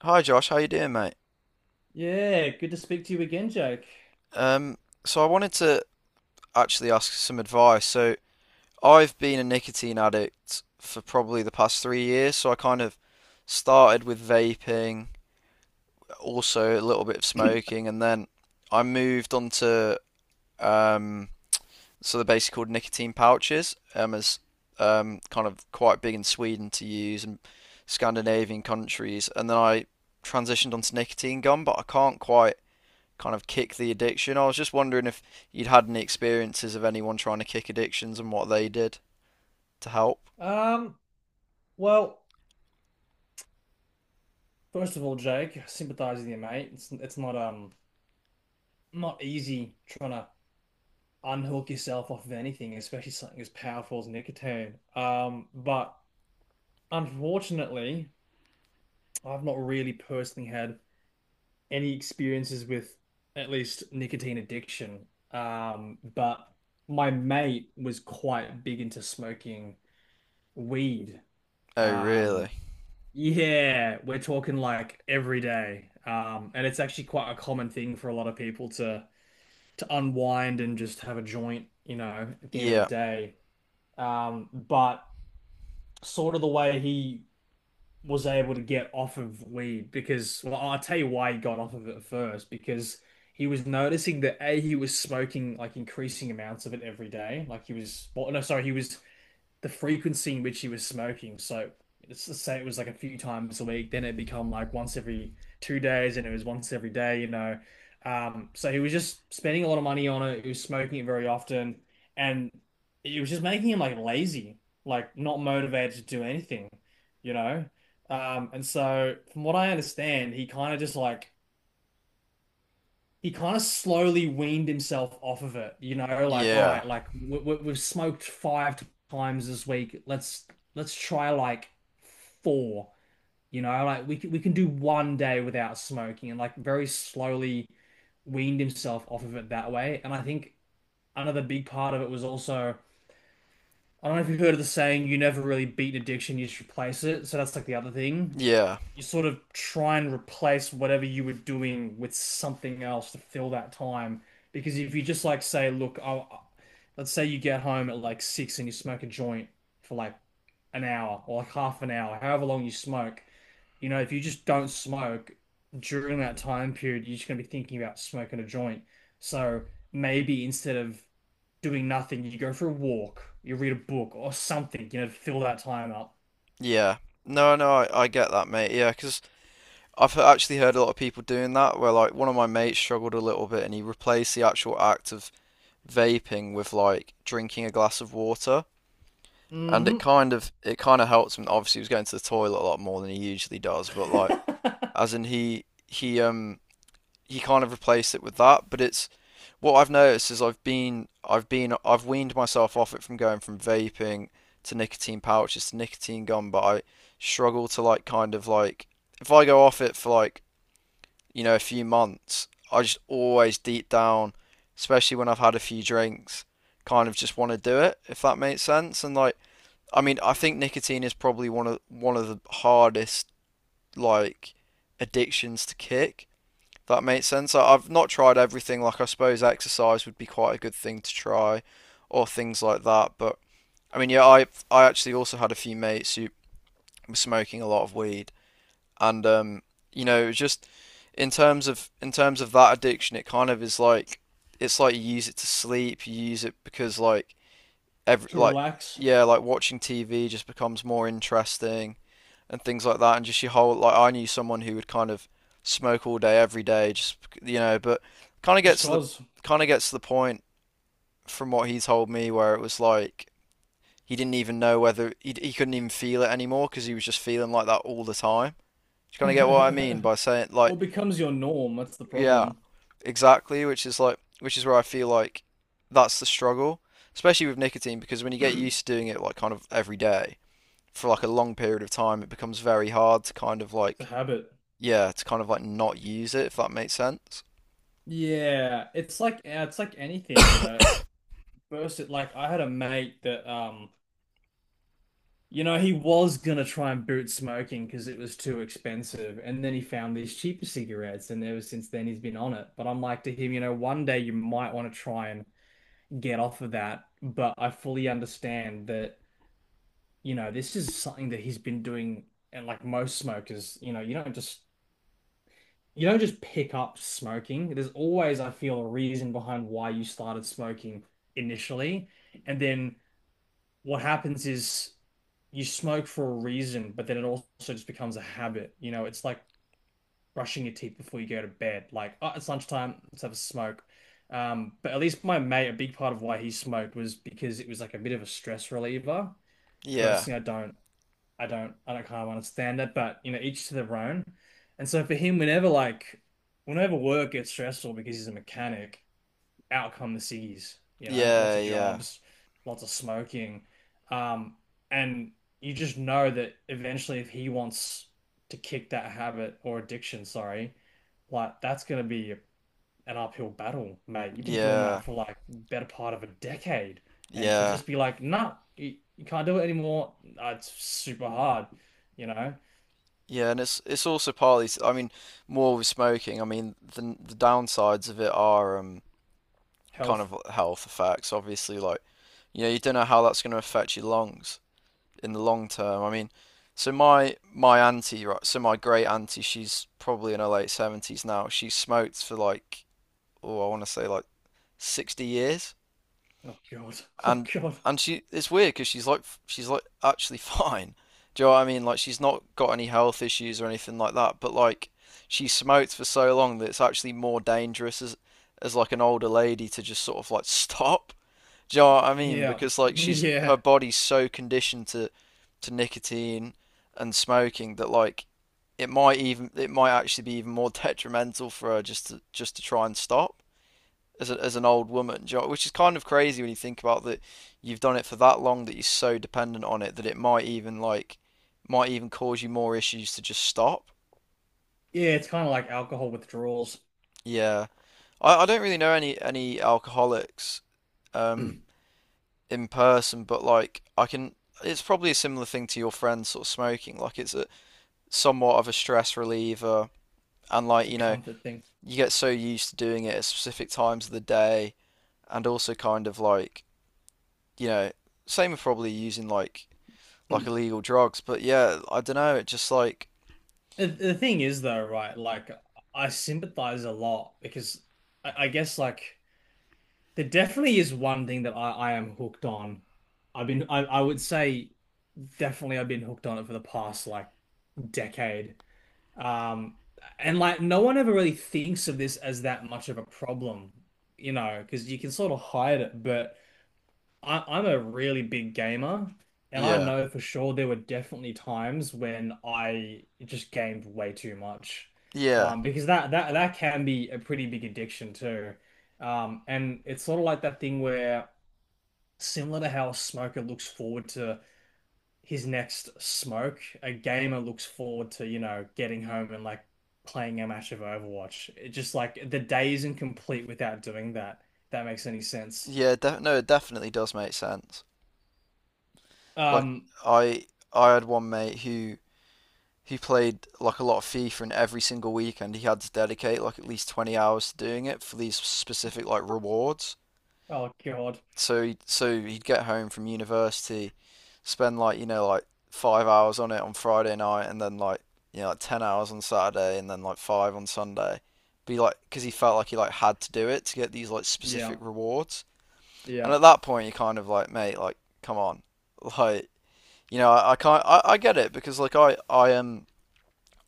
Hi Josh, how you doing, mate? Yeah, good to speak to you again, Jake. Um, so I wanted to actually ask some advice. So I've been a nicotine addict for probably the past 3 years. So I kind of started with vaping, also a little bit of smoking, and then I moved on to um, so they're basically called nicotine pouches, as kind of quite big in Sweden to use and Scandinavian countries, and then I transitioned onto nicotine gum, but I can't quite kind of kick the addiction. I was just wondering if you'd had any experiences of anyone trying to kick addictions and what they did to help. Um, well, first of all, Jake, I sympathize with you, mate. It's not not easy trying to unhook yourself off of anything, especially something as powerful as nicotine. But unfortunately, I've not really personally had any experiences with at least nicotine addiction. But my mate was quite big into smoking weed. Oh, Um, really? Yeah, we're talking like every day. And it's actually quite a common thing for a lot of people to unwind and just have a joint, you know, at the end of the Yeah, day. But sort of the way he was able to get off of weed because, well, I'll tell you why he got off of it at first, because he was noticing that A, he was smoking like increasing amounts of it every day. Like he was, well, no, sorry, he was the frequency in which he was smoking. So let's say it was like a few times a week, then it become like once every 2 days, and it was once every day, you know. So he was just spending a lot of money on it. He was smoking it very often, and it was just making him like lazy, like not motivated to do anything, you know. And so from what I understand, he kind of slowly weaned himself off of it, you know, like all yeah, right, like we've smoked five times this week. Let's try like four, you know, like we can do one day without smoking and like very slowly weaned himself off of it that way. And I think another big part of it was also I don't know if you've heard of the saying, you never really beat an addiction, you just replace it. So that's like the other thing. yeah, You sort of try and replace whatever you were doing with something else to fill that time. Because if you just like say, look, let's say you get home at like six and you smoke a joint for like an hour or like half an hour, however long you smoke. You know, if you just don't smoke during that time period, you're just going to be thinking about smoking a joint. So maybe instead of doing nothing, you go for a walk, you read a book or something, you know, to fill that time up. yeah. No, no, I get that, mate. Yeah, because actually heard a lot of people doing that where, like, one of my mates struggled a little bit and he replaced the actual act of vaping with, like, drinking a glass of water. And it Hmm. kind of it kind of helped him. Obviously, he was going to the toilet a lot more than he usually does, but like, as in he he kind of replaced it with that. But it's what I've noticed is I've weaned myself off it from going from vaping to nicotine pouches to nicotine gum, but I struggle to like kind of like if I go off it for like you know a few months, I just always deep down, especially when I've had a few drinks, kind of just want to do it if that makes sense. And like I mean, I think nicotine is probably one of the hardest like addictions to kick that makes sense. Have not tried everything. Like, I suppose exercise would be quite a good thing to try, or things like that. But I mean, yeah, I actually also had a few mates who were smoking a lot of weed, and you know, it was just in terms of that addiction, it kind of is like it's like you use it to sleep. You use it because like every To like relax, yeah, like watching TV just becomes more interesting and things like that, and just your whole like I knew someone who would kind of smoke all day, every day, just you know, but kind of just gets to the cause. kind of gets to the point from what he told me where it was like he didn't even know whether he couldn't even feel it anymore because he was just feeling like that all the time. Do you kind of get what I mean by saying like What becomes your norm? That's the yeah, problem. exactly, which is like which is where I feel like that's the struggle, especially with nicotine because when you get used to doing it like kind of every day for like a long period of time, it becomes very hard to kind of It's a like habit. yeah, to kind of like not use it, if that makes sense. Yeah, it's like anything, you know. First, it like I had a mate that you know, he was gonna try and boot smoking because it was too expensive, and then he found these cheaper cigarettes, and ever since then he's been on it. But I'm like to him, you know, one day you might want to try and get off of that. But I fully understand that, you know, this is something that he's been doing, and like most smokers, you know, you don't just pick up smoking. There's always, I feel, a reason behind why you started smoking initially, and then what happens is you smoke for a reason, but then it also just becomes a habit. You know, it's like brushing your teeth before you go to bed. Like, oh, it's lunchtime, let's have a smoke. But at least my mate, a big part of why he smoked was because it was like a bit of a stress reliever. Yeah, Personally, I don't kind of understand that, but you know, each to their own. And so for him, whenever work gets stressful because he's a mechanic, out come the ciggies, you know, lots yeah, of yeah, jobs, lots of smoking. Um, and you just know that eventually if he wants to kick that habit or addiction, sorry, like that's gonna be an uphill battle, mate. You've been doing that yeah, for like better part of a decade. And to yeah, just be like, nah, you can't do it anymore, it's super hard, you know? yeah, and it's also partly, I mean, more with smoking. I mean, the downsides of it are kind Health. of health effects, obviously. Like, you know, you don't know how that's going to affect your lungs in the long term. I mean, so my auntie, right, so my great auntie, she's probably in her late 70s now. She smoked for like, oh, I want to say like 60 years. Oh God. Oh and God. and she it's weird because she's like actually fine. Do you know what I mean? Like she's not got any health issues or anything like that, but like she smoked for so long that it's actually more dangerous as like an older lady to just sort of like stop. Do you know what I mean? Yeah. Because like she's Yeah. her body's so conditioned to nicotine and smoking that like it might actually be even more detrimental for her just to try and stop as, a, as an old woman, do you know- which is kind of crazy when you think about that you've done it for that long that you're so dependent on it that it might even like might even cause you more issues to just stop. Yeah, it's kind of like alcohol withdrawals. Yeah. I don't really know any alcoholics um in person, but like I can it's probably a similar thing to your friend sort of smoking. Like it's a somewhat of a stress reliever and like, It's a you know, comfort thing. you get so used to doing it at specific times of the day and also kind of like, you know, same with probably using like illegal drugs. But yeah, I don't know. It just like The thing is though, right? Like I sympathize a lot because I guess like there definitely is one thing that I am hooked on. I would say definitely I've been hooked on it for the past like decade. Um and like no one ever really thinks of this as that much of a problem, you know, because you can sort of hide it, but I'm a really big gamer, and I yeah, know for sure there were definitely times when I just gamed way too much, yeah, because that can be a pretty big addiction too, and it's sort of like that thing where similar to how a smoker looks forward to his next smoke, a gamer looks forward to you know getting home and like playing a match of Overwatch. It just like the day isn't complete without doing that. If that makes any sense. yeah. Def no, it definitely does make sense. Like Um, I I had one mate who he played like a lot of FIFA, and every single weekend he had to dedicate like at least 20 hours to doing it for these specific like rewards. oh God. So he'd get home from university, spend like you know like 5 hours on it on Friday night, and then like you know like 10 hours on Saturday, and then like 5 on Sunday. Be like because he felt like he like had to do it to get these like Yeah. specific rewards. And at Yep. that point, you're kind of like, mate, like come on, like you know I can't I get it because like I am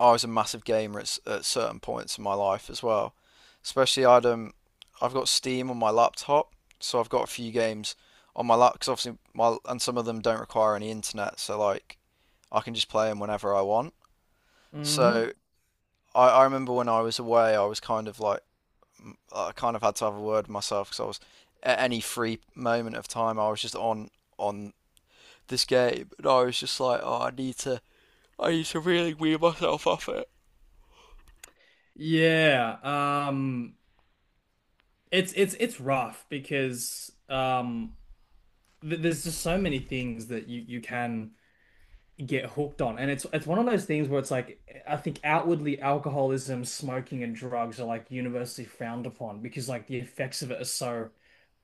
I was a massive gamer at certain points in my life as well. Especially I've got Steam on my laptop, so I've got a few games on my laptop because obviously my and some of them don't require any internet, so like I can just play them whenever I want. Hmm. So I remember when I was away, I was kind of like I kind of had to have a word with myself because I was at any free moment of time, I was just on this game, and I was just like, oh, I need to really wean myself off it. Yeah. Um, it's it's rough because th there's just so many things that you can get hooked on. And it's one of those things where it's like I think outwardly alcoholism, smoking, and drugs are like universally frowned upon because like the effects of it are so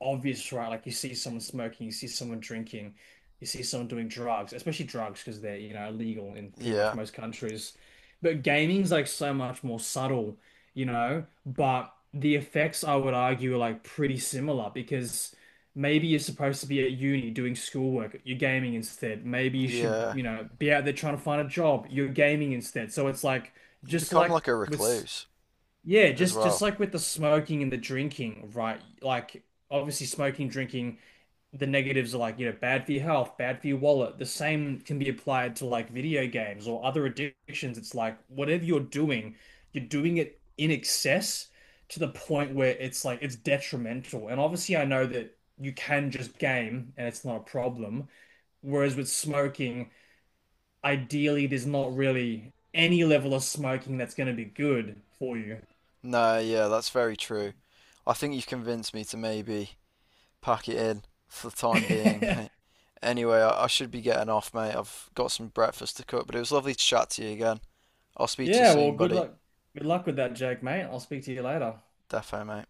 obvious, right? Like you see someone smoking, you see someone drinking, you see someone doing drugs, especially drugs because they're, you know, illegal in pretty much Yeah, most countries. But gaming's like so much more subtle, you know, but the effects I would argue are like pretty similar because maybe you're supposed to be at uni doing schoolwork. You're gaming instead. Maybe you should, yeah. you know, be out there trying to find a job. You're gaming instead. So it's like You just become like like a with recluse yeah, as just well. like with the smoking and the drinking, right? Like obviously smoking, drinking, the negatives are like, you know, bad for your health, bad for your wallet. The same can be applied to like video games or other addictions. It's like whatever you're doing it in excess to the point where it's like it's detrimental. And obviously, I know that you can just game and it's not a problem. Whereas with smoking, ideally, there's not really any level of smoking that's going to be good for you. No, yeah, that's very true. I think you've convinced me to maybe pack it in for the time being, mate. Anyway, I should be getting off, mate. I've got some breakfast to cook, but it was lovely to chat to you again. I'll speak to you Yeah, well, soon, good buddy. luck. Good luck with that, Jake, mate. I'll speak to you later. Defo, mate.